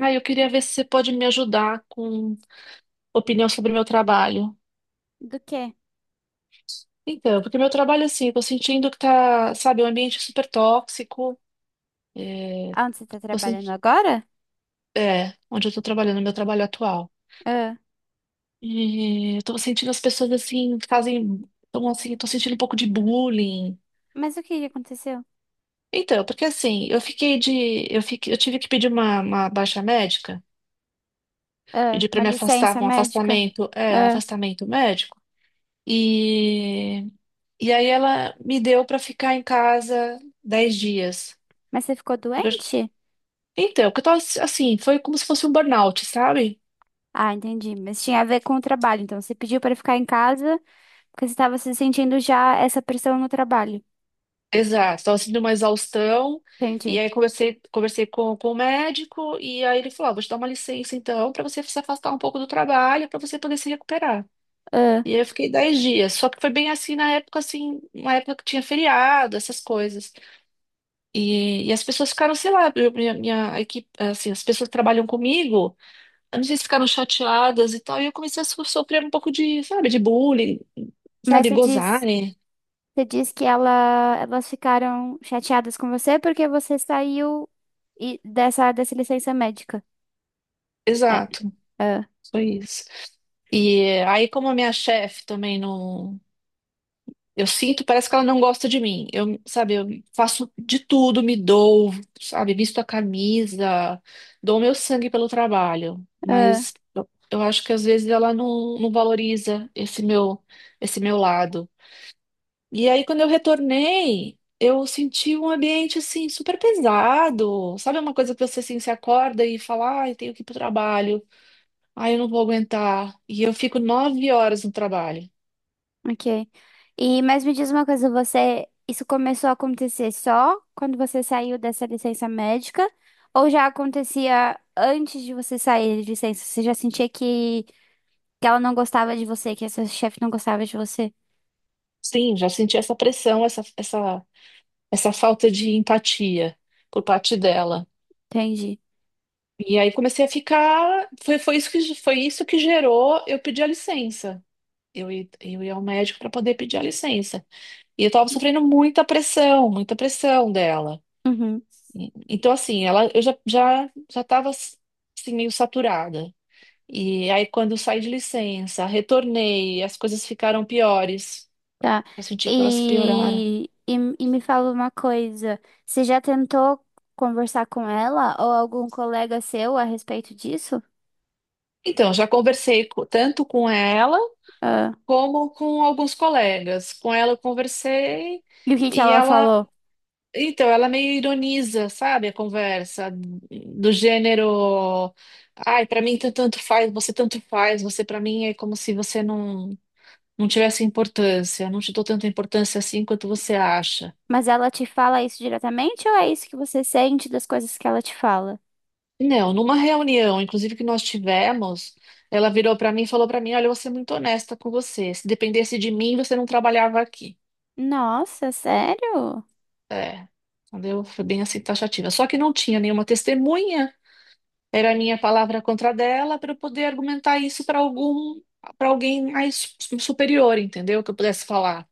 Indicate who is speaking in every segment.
Speaker 1: Ah, eu queria ver se você pode me ajudar com opinião sobre o meu trabalho.
Speaker 2: Do quê?
Speaker 1: Então, porque meu trabalho, assim, eu tô sentindo que tá, sabe, um ambiente super tóxico.
Speaker 2: Aonde você tá
Speaker 1: Tô
Speaker 2: trabalhando
Speaker 1: senti-
Speaker 2: agora?
Speaker 1: É, onde eu tô trabalhando, meu trabalho atual.
Speaker 2: Ah,
Speaker 1: E eu tô sentindo as pessoas, assim, fazem. Então, assim, tô sentindo um pouco de bullying.
Speaker 2: mas o que que aconteceu?
Speaker 1: Então, porque assim, eu fiquei de... Eu fiquei... eu tive que pedir uma baixa médica.
Speaker 2: Ah,
Speaker 1: Pedir pra
Speaker 2: uma
Speaker 1: me afastar,
Speaker 2: licença médica?
Speaker 1: É, um
Speaker 2: Ah,
Speaker 1: afastamento médico. e E aí ela me deu pra ficar em casa 10 dias.
Speaker 2: mas você ficou
Speaker 1: Porque eu-
Speaker 2: doente?
Speaker 1: Então, que eu tava assim, foi como se fosse um burnout, sabe?
Speaker 2: Ah, entendi. Mas tinha a ver com o trabalho. Então, você pediu para ficar em casa porque você estava se sentindo já essa pressão no trabalho.
Speaker 1: Exato, tava sentindo uma exaustão. E
Speaker 2: Entendi.
Speaker 1: aí conversei com o médico e aí ele falou, "Ó, vou te dar uma licença então pra você se afastar um pouco do trabalho, pra você poder se recuperar."
Speaker 2: Ah,
Speaker 1: E aí eu fiquei 10 dias, só que foi bem assim na época, assim, uma época que tinha feriado, essas coisas. E as pessoas ficaram, sei lá, minha equipe, assim, as pessoas que trabalham comigo. Não sei se ficaram chateadas e tal. E eu comecei a sofrer um pouco de, sabe, de bullying,
Speaker 2: mas
Speaker 1: sabe, gozarem.
Speaker 2: você diz que ela, elas ficaram chateadas com você porque você saiu dessa, dessa licença médica. É.
Speaker 1: Exato,
Speaker 2: Ah,
Speaker 1: foi isso. E aí, como a minha chefe também não. Eu sinto, parece que ela não gosta de mim. Eu, sabe, eu faço de tudo, me dou, sabe, visto a camisa, dou meu sangue pelo trabalho.
Speaker 2: ah.
Speaker 1: Mas eu acho que às vezes ela não valoriza esse meu, lado. E aí, quando eu retornei, eu senti um ambiente assim super pesado. Sabe, uma coisa que você assim, se acorda e fala, ai, tenho que ir pro trabalho, ai, eu não vou aguentar. E eu fico 9 horas no trabalho.
Speaker 2: Ok. Mas me diz uma coisa, você isso começou a acontecer só quando você saiu dessa licença médica ou já acontecia antes de você sair de licença? Você já sentia que ela não gostava de você, que essa chefe não gostava de você?
Speaker 1: Sim, já senti essa pressão, essa falta de empatia por parte dela.
Speaker 2: Entendi.
Speaker 1: E aí comecei a ficar. Foi isso que gerou eu pedir a licença. Eu ia ao médico para poder pedir a licença. E eu estava sofrendo muita pressão dela.
Speaker 2: Uhum,
Speaker 1: Então, assim, ela, eu já tava, assim, meio saturada. E aí, quando eu saí de licença, retornei, as coisas ficaram piores.
Speaker 2: tá.
Speaker 1: Eu senti que elas pioraram.
Speaker 2: E, e, e me fala uma coisa, você já tentou conversar com ela ou algum colega seu a respeito disso?
Speaker 1: Então, já conversei tanto com ela
Speaker 2: Ah,
Speaker 1: como com alguns colegas. Com ela eu conversei
Speaker 2: e o que que
Speaker 1: e
Speaker 2: ela
Speaker 1: ela,
Speaker 2: falou?
Speaker 1: então, ela meio ironiza, sabe, a conversa do gênero, ai, pra mim tanto faz, você tanto faz, você pra mim é como se você não tivesse importância, não te dou tanta importância assim quanto você acha.
Speaker 2: Mas ela te fala isso diretamente ou é isso que você sente das coisas que ela te fala?
Speaker 1: Não, numa reunião, inclusive, que nós tivemos, ela virou para mim e falou para mim: "Olha, eu vou ser muito honesta com você. Se dependesse de mim, você não trabalhava aqui."
Speaker 2: Nossa, sério?
Speaker 1: É, entendeu? Foi bem assim, taxativa. Só que não tinha nenhuma testemunha, era a minha palavra contra a dela, para eu poder argumentar isso para algum, para alguém mais superior, entendeu? Que eu pudesse falar.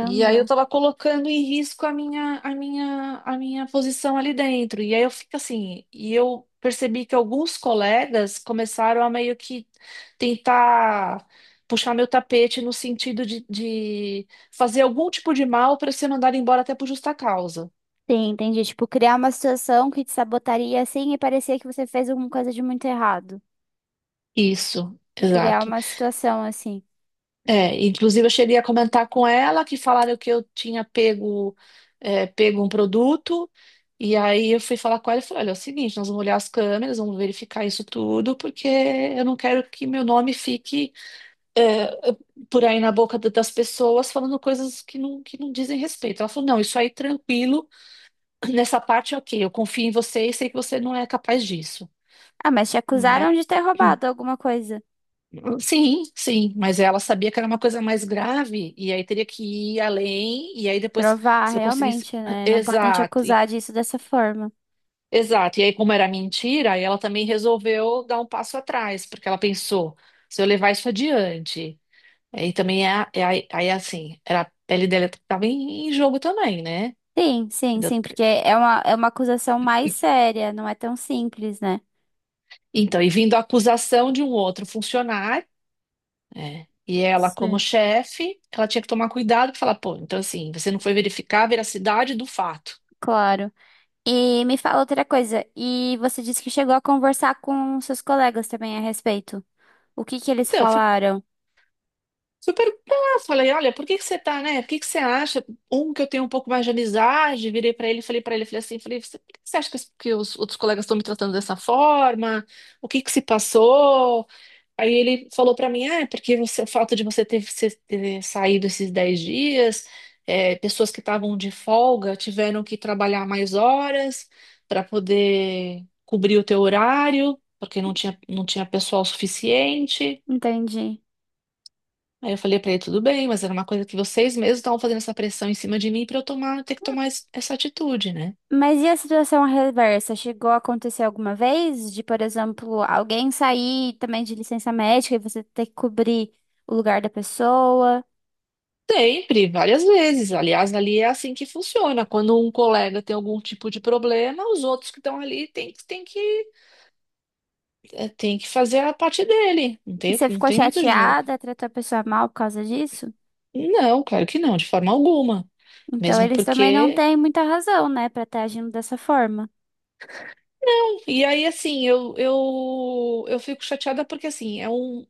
Speaker 1: E aí eu tava colocando em risco a minha posição ali dentro. E aí eu fico assim, e eu percebi que alguns colegas começaram a meio que tentar puxar meu tapete no sentido de fazer algum tipo de mal para ser mandado embora até por justa causa.
Speaker 2: Sim, entendi. Tipo, criar uma situação que te sabotaria assim e parecia que você fez alguma coisa de muito errado.
Speaker 1: Isso,
Speaker 2: Criar
Speaker 1: exato.
Speaker 2: uma situação assim.
Speaker 1: É, inclusive eu cheguei a comentar com ela que falaram que eu tinha pego um produto, e aí eu fui falar com ela e falei, olha, é o seguinte, nós vamos olhar as câmeras, vamos verificar isso tudo, porque eu não quero que meu nome fique por aí na boca da- das pessoas falando coisas que não dizem respeito. Ela falou, não, isso aí tranquilo, nessa parte é ok, eu confio em você e sei que você não é capaz disso.
Speaker 2: Ah, mas te acusaram de ter roubado alguma coisa.
Speaker 1: Sim, sim, mas ela sabia que era uma coisa mais grave e aí teria que ir além e aí depois,
Speaker 2: Provar,
Speaker 1: se eu conseguisse,
Speaker 2: realmente, né? Não podem te
Speaker 1: exato, e-
Speaker 2: acusar disso dessa forma.
Speaker 1: exato. E aí como era mentira, aí ela também resolveu dar um passo atrás, porque ela pensou, se eu levar isso adiante, aí também é aí, assim, era, a pele dela estava em, em jogo também, né?
Speaker 2: Sim, sim,
Speaker 1: Entendeu?
Speaker 2: sim, porque é uma acusação mais séria, não é tão simples, né?
Speaker 1: Então, e vindo a acusação de um outro funcionário. É. E ela, como
Speaker 2: Sim.
Speaker 1: chefe, ela tinha que tomar cuidado e falar, pô, então assim, você não foi verificar a veracidade do fato.
Speaker 2: Claro. E me fala outra coisa. E você disse que chegou a conversar com seus colegas também a respeito. O que que eles
Speaker 1: Então, eu fui,
Speaker 2: falaram?
Speaker 1: fui perguntar, falei, olha, por que que você tá, né? Por que que você acha? Um que eu tenho um pouco mais de amizade, virei pra ele, falei assim, falei: "Você- por que que você acha que os outros colegas estão me tratando dessa forma? O que que se passou?" Aí ele falou pra mim, ah, é porque você, o fato de você ter saído esses 10 dias, é, pessoas que estavam de folga tiveram que trabalhar mais horas para poder cobrir o teu horário, porque não tinha pessoal suficiente.
Speaker 2: Entendi.
Speaker 1: Aí eu falei pra ele, tudo bem, mas era uma coisa que vocês mesmos estavam fazendo essa pressão em cima de mim para eu ter que tomar essa atitude, né?
Speaker 2: Mas e a situação reversa? Chegou a acontecer alguma vez de, por exemplo, alguém sair também de licença médica e você ter que cobrir o lugar da pessoa?
Speaker 1: Sempre, várias vezes. Aliás, ali é assim que funciona. Quando um colega tem algum tipo de problema, os outros que estão ali tem que fazer a parte dele. Não
Speaker 2: E
Speaker 1: tem,
Speaker 2: você
Speaker 1: não
Speaker 2: ficou
Speaker 1: tem muito jeito.
Speaker 2: chateada, tratou a pessoa mal por causa disso?
Speaker 1: Não, claro que não, de forma alguma.
Speaker 2: Então
Speaker 1: Mesmo
Speaker 2: eles também não
Speaker 1: porque.
Speaker 2: têm muita razão, né, pra estar agindo dessa forma.
Speaker 1: E aí, assim, eu fico chateada porque, assim,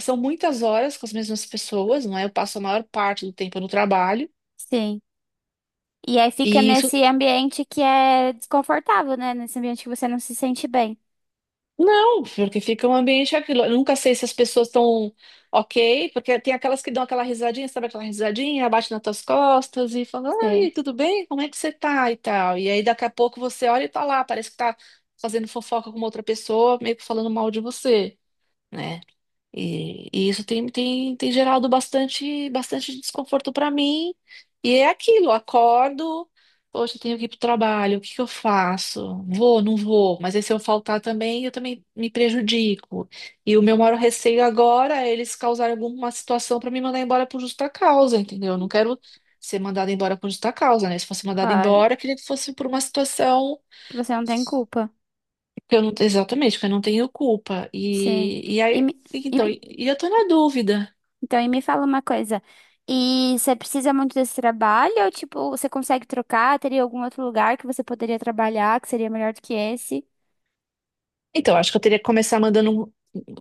Speaker 1: são muitas horas com as mesmas pessoas, não é? Eu passo a maior parte do tempo no trabalho.
Speaker 2: Sim. E aí fica
Speaker 1: E
Speaker 2: nesse ambiente que é desconfortável, né? Nesse ambiente que você não se sente bem.
Speaker 1: não, porque fica um ambiente, aquilo. Eu nunca sei se as pessoas estão ok, porque tem aquelas que dão aquela risadinha, sabe aquela risadinha, abate nas tuas costas e fala,
Speaker 2: Sim,
Speaker 1: ai, tudo bem? Como é que você tá? E tal. E aí daqui a pouco você olha e tá lá, parece que tá fazendo fofoca com uma outra pessoa, meio que falando mal de você, né? E isso tem, gerado bastante, bastante desconforto para mim. E é aquilo, acordo, poxa, eu tenho que ir pro trabalho, o que que eu faço? Vou, não vou, mas aí se eu faltar também, eu também me prejudico. E o meu maior receio agora é eles causarem alguma situação para me mandar embora por justa causa, entendeu? Eu não quero ser mandada embora por justa causa, né? Se fosse mandada
Speaker 2: claro.
Speaker 1: embora, eu queria que fosse por uma situação
Speaker 2: Que você não tem culpa.
Speaker 1: que eu não, exatamente, que eu não tenho culpa.
Speaker 2: Sim.
Speaker 1: E
Speaker 2: E
Speaker 1: aí,
Speaker 2: me- e
Speaker 1: então,
Speaker 2: me-
Speaker 1: e eu tô na dúvida.
Speaker 2: então, me fala uma coisa. E você precisa muito desse trabalho? Ou, tipo, você consegue trocar? Teria algum outro lugar que você poderia trabalhar que seria melhor do que esse?
Speaker 1: Então, acho que eu teria que começar mandando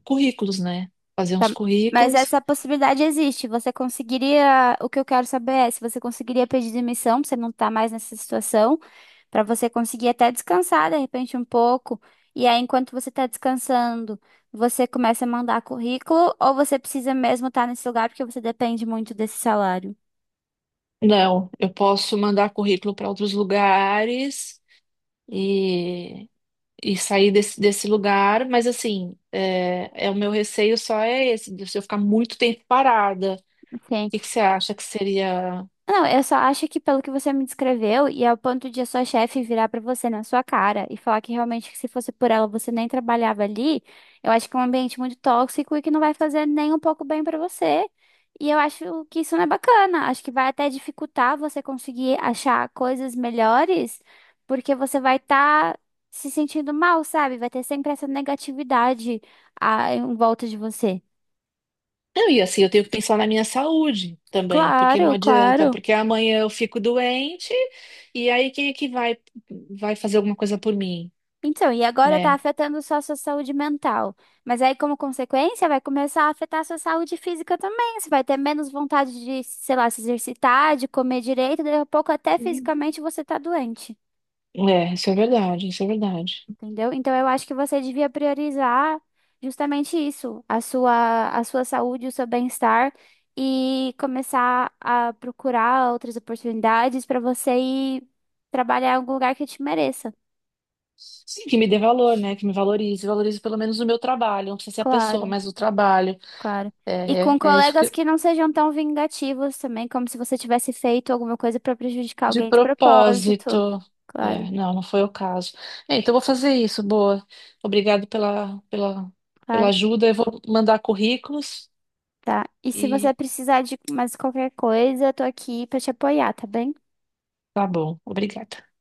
Speaker 1: currículos, né? Fazer
Speaker 2: Tá.
Speaker 1: uns
Speaker 2: Mas
Speaker 1: currículos.
Speaker 2: essa possibilidade existe. Você conseguiria. O que eu quero saber é se você conseguiria pedir demissão, pra você não estar mais nessa situação, para você conseguir até descansar de repente um pouco. E aí, enquanto você está descansando, você começa a mandar currículo ou você precisa mesmo estar nesse lugar porque você depende muito desse salário?
Speaker 1: Não, eu posso mandar currículo para outros lugares e, e sair desse lugar, mas assim, é, é o meu receio, só é esse, de se eu ficar muito tempo parada. O
Speaker 2: Ok.
Speaker 1: que que você acha que seria?
Speaker 2: Não, eu só acho que pelo que você me descreveu, e ao ponto de a sua chefe virar pra você na sua cara e falar que realmente que se fosse por ela você nem trabalhava ali, eu acho que é um ambiente muito tóxico e que não vai fazer nem um pouco bem pra você. E eu acho que isso não é bacana. Acho que vai até dificultar você conseguir achar coisas melhores, porque você vai estar se sentindo mal, sabe? Vai ter sempre essa negatividade em volta de você.
Speaker 1: Não, e assim, eu tenho que pensar na minha saúde também, porque não
Speaker 2: Claro,
Speaker 1: adianta,
Speaker 2: claro.
Speaker 1: porque amanhã eu fico doente e aí quem é que vai, vai fazer alguma coisa por mim,
Speaker 2: Então, e agora está
Speaker 1: né?
Speaker 2: afetando só a sua saúde mental. Mas aí, como consequência, vai começar a afetar a sua saúde física também. Você vai ter menos vontade de, sei lá, se exercitar, de comer direito, daqui a pouco até fisicamente você tá doente,
Speaker 1: É, isso é verdade, isso é verdade.
Speaker 2: entendeu? Então, eu acho que você devia priorizar justamente isso, a sua saúde, o seu bem-estar e começar a procurar outras oportunidades para você ir trabalhar em algum lugar que te mereça.
Speaker 1: Sim, que me dê valor, né? Que me valorize, valorize pelo menos o meu trabalho. Não precisa ser a pessoa,
Speaker 2: Claro.
Speaker 1: mas o trabalho.
Speaker 2: Claro. E
Speaker 1: É,
Speaker 2: com
Speaker 1: é isso
Speaker 2: colegas
Speaker 1: que
Speaker 2: que não sejam tão vingativos também, como se você tivesse feito alguma coisa pra prejudicar
Speaker 1: de
Speaker 2: alguém de propósito.
Speaker 1: propósito.
Speaker 2: Claro,
Speaker 1: É, não, não foi o caso. É, então eu vou fazer isso, boa. Obrigado pela
Speaker 2: claro.
Speaker 1: ajuda. Eu vou mandar currículos
Speaker 2: Tá. E se você
Speaker 1: e
Speaker 2: precisar de mais qualquer coisa, eu tô aqui pra te apoiar, tá bem?
Speaker 1: tá bom. Obrigada.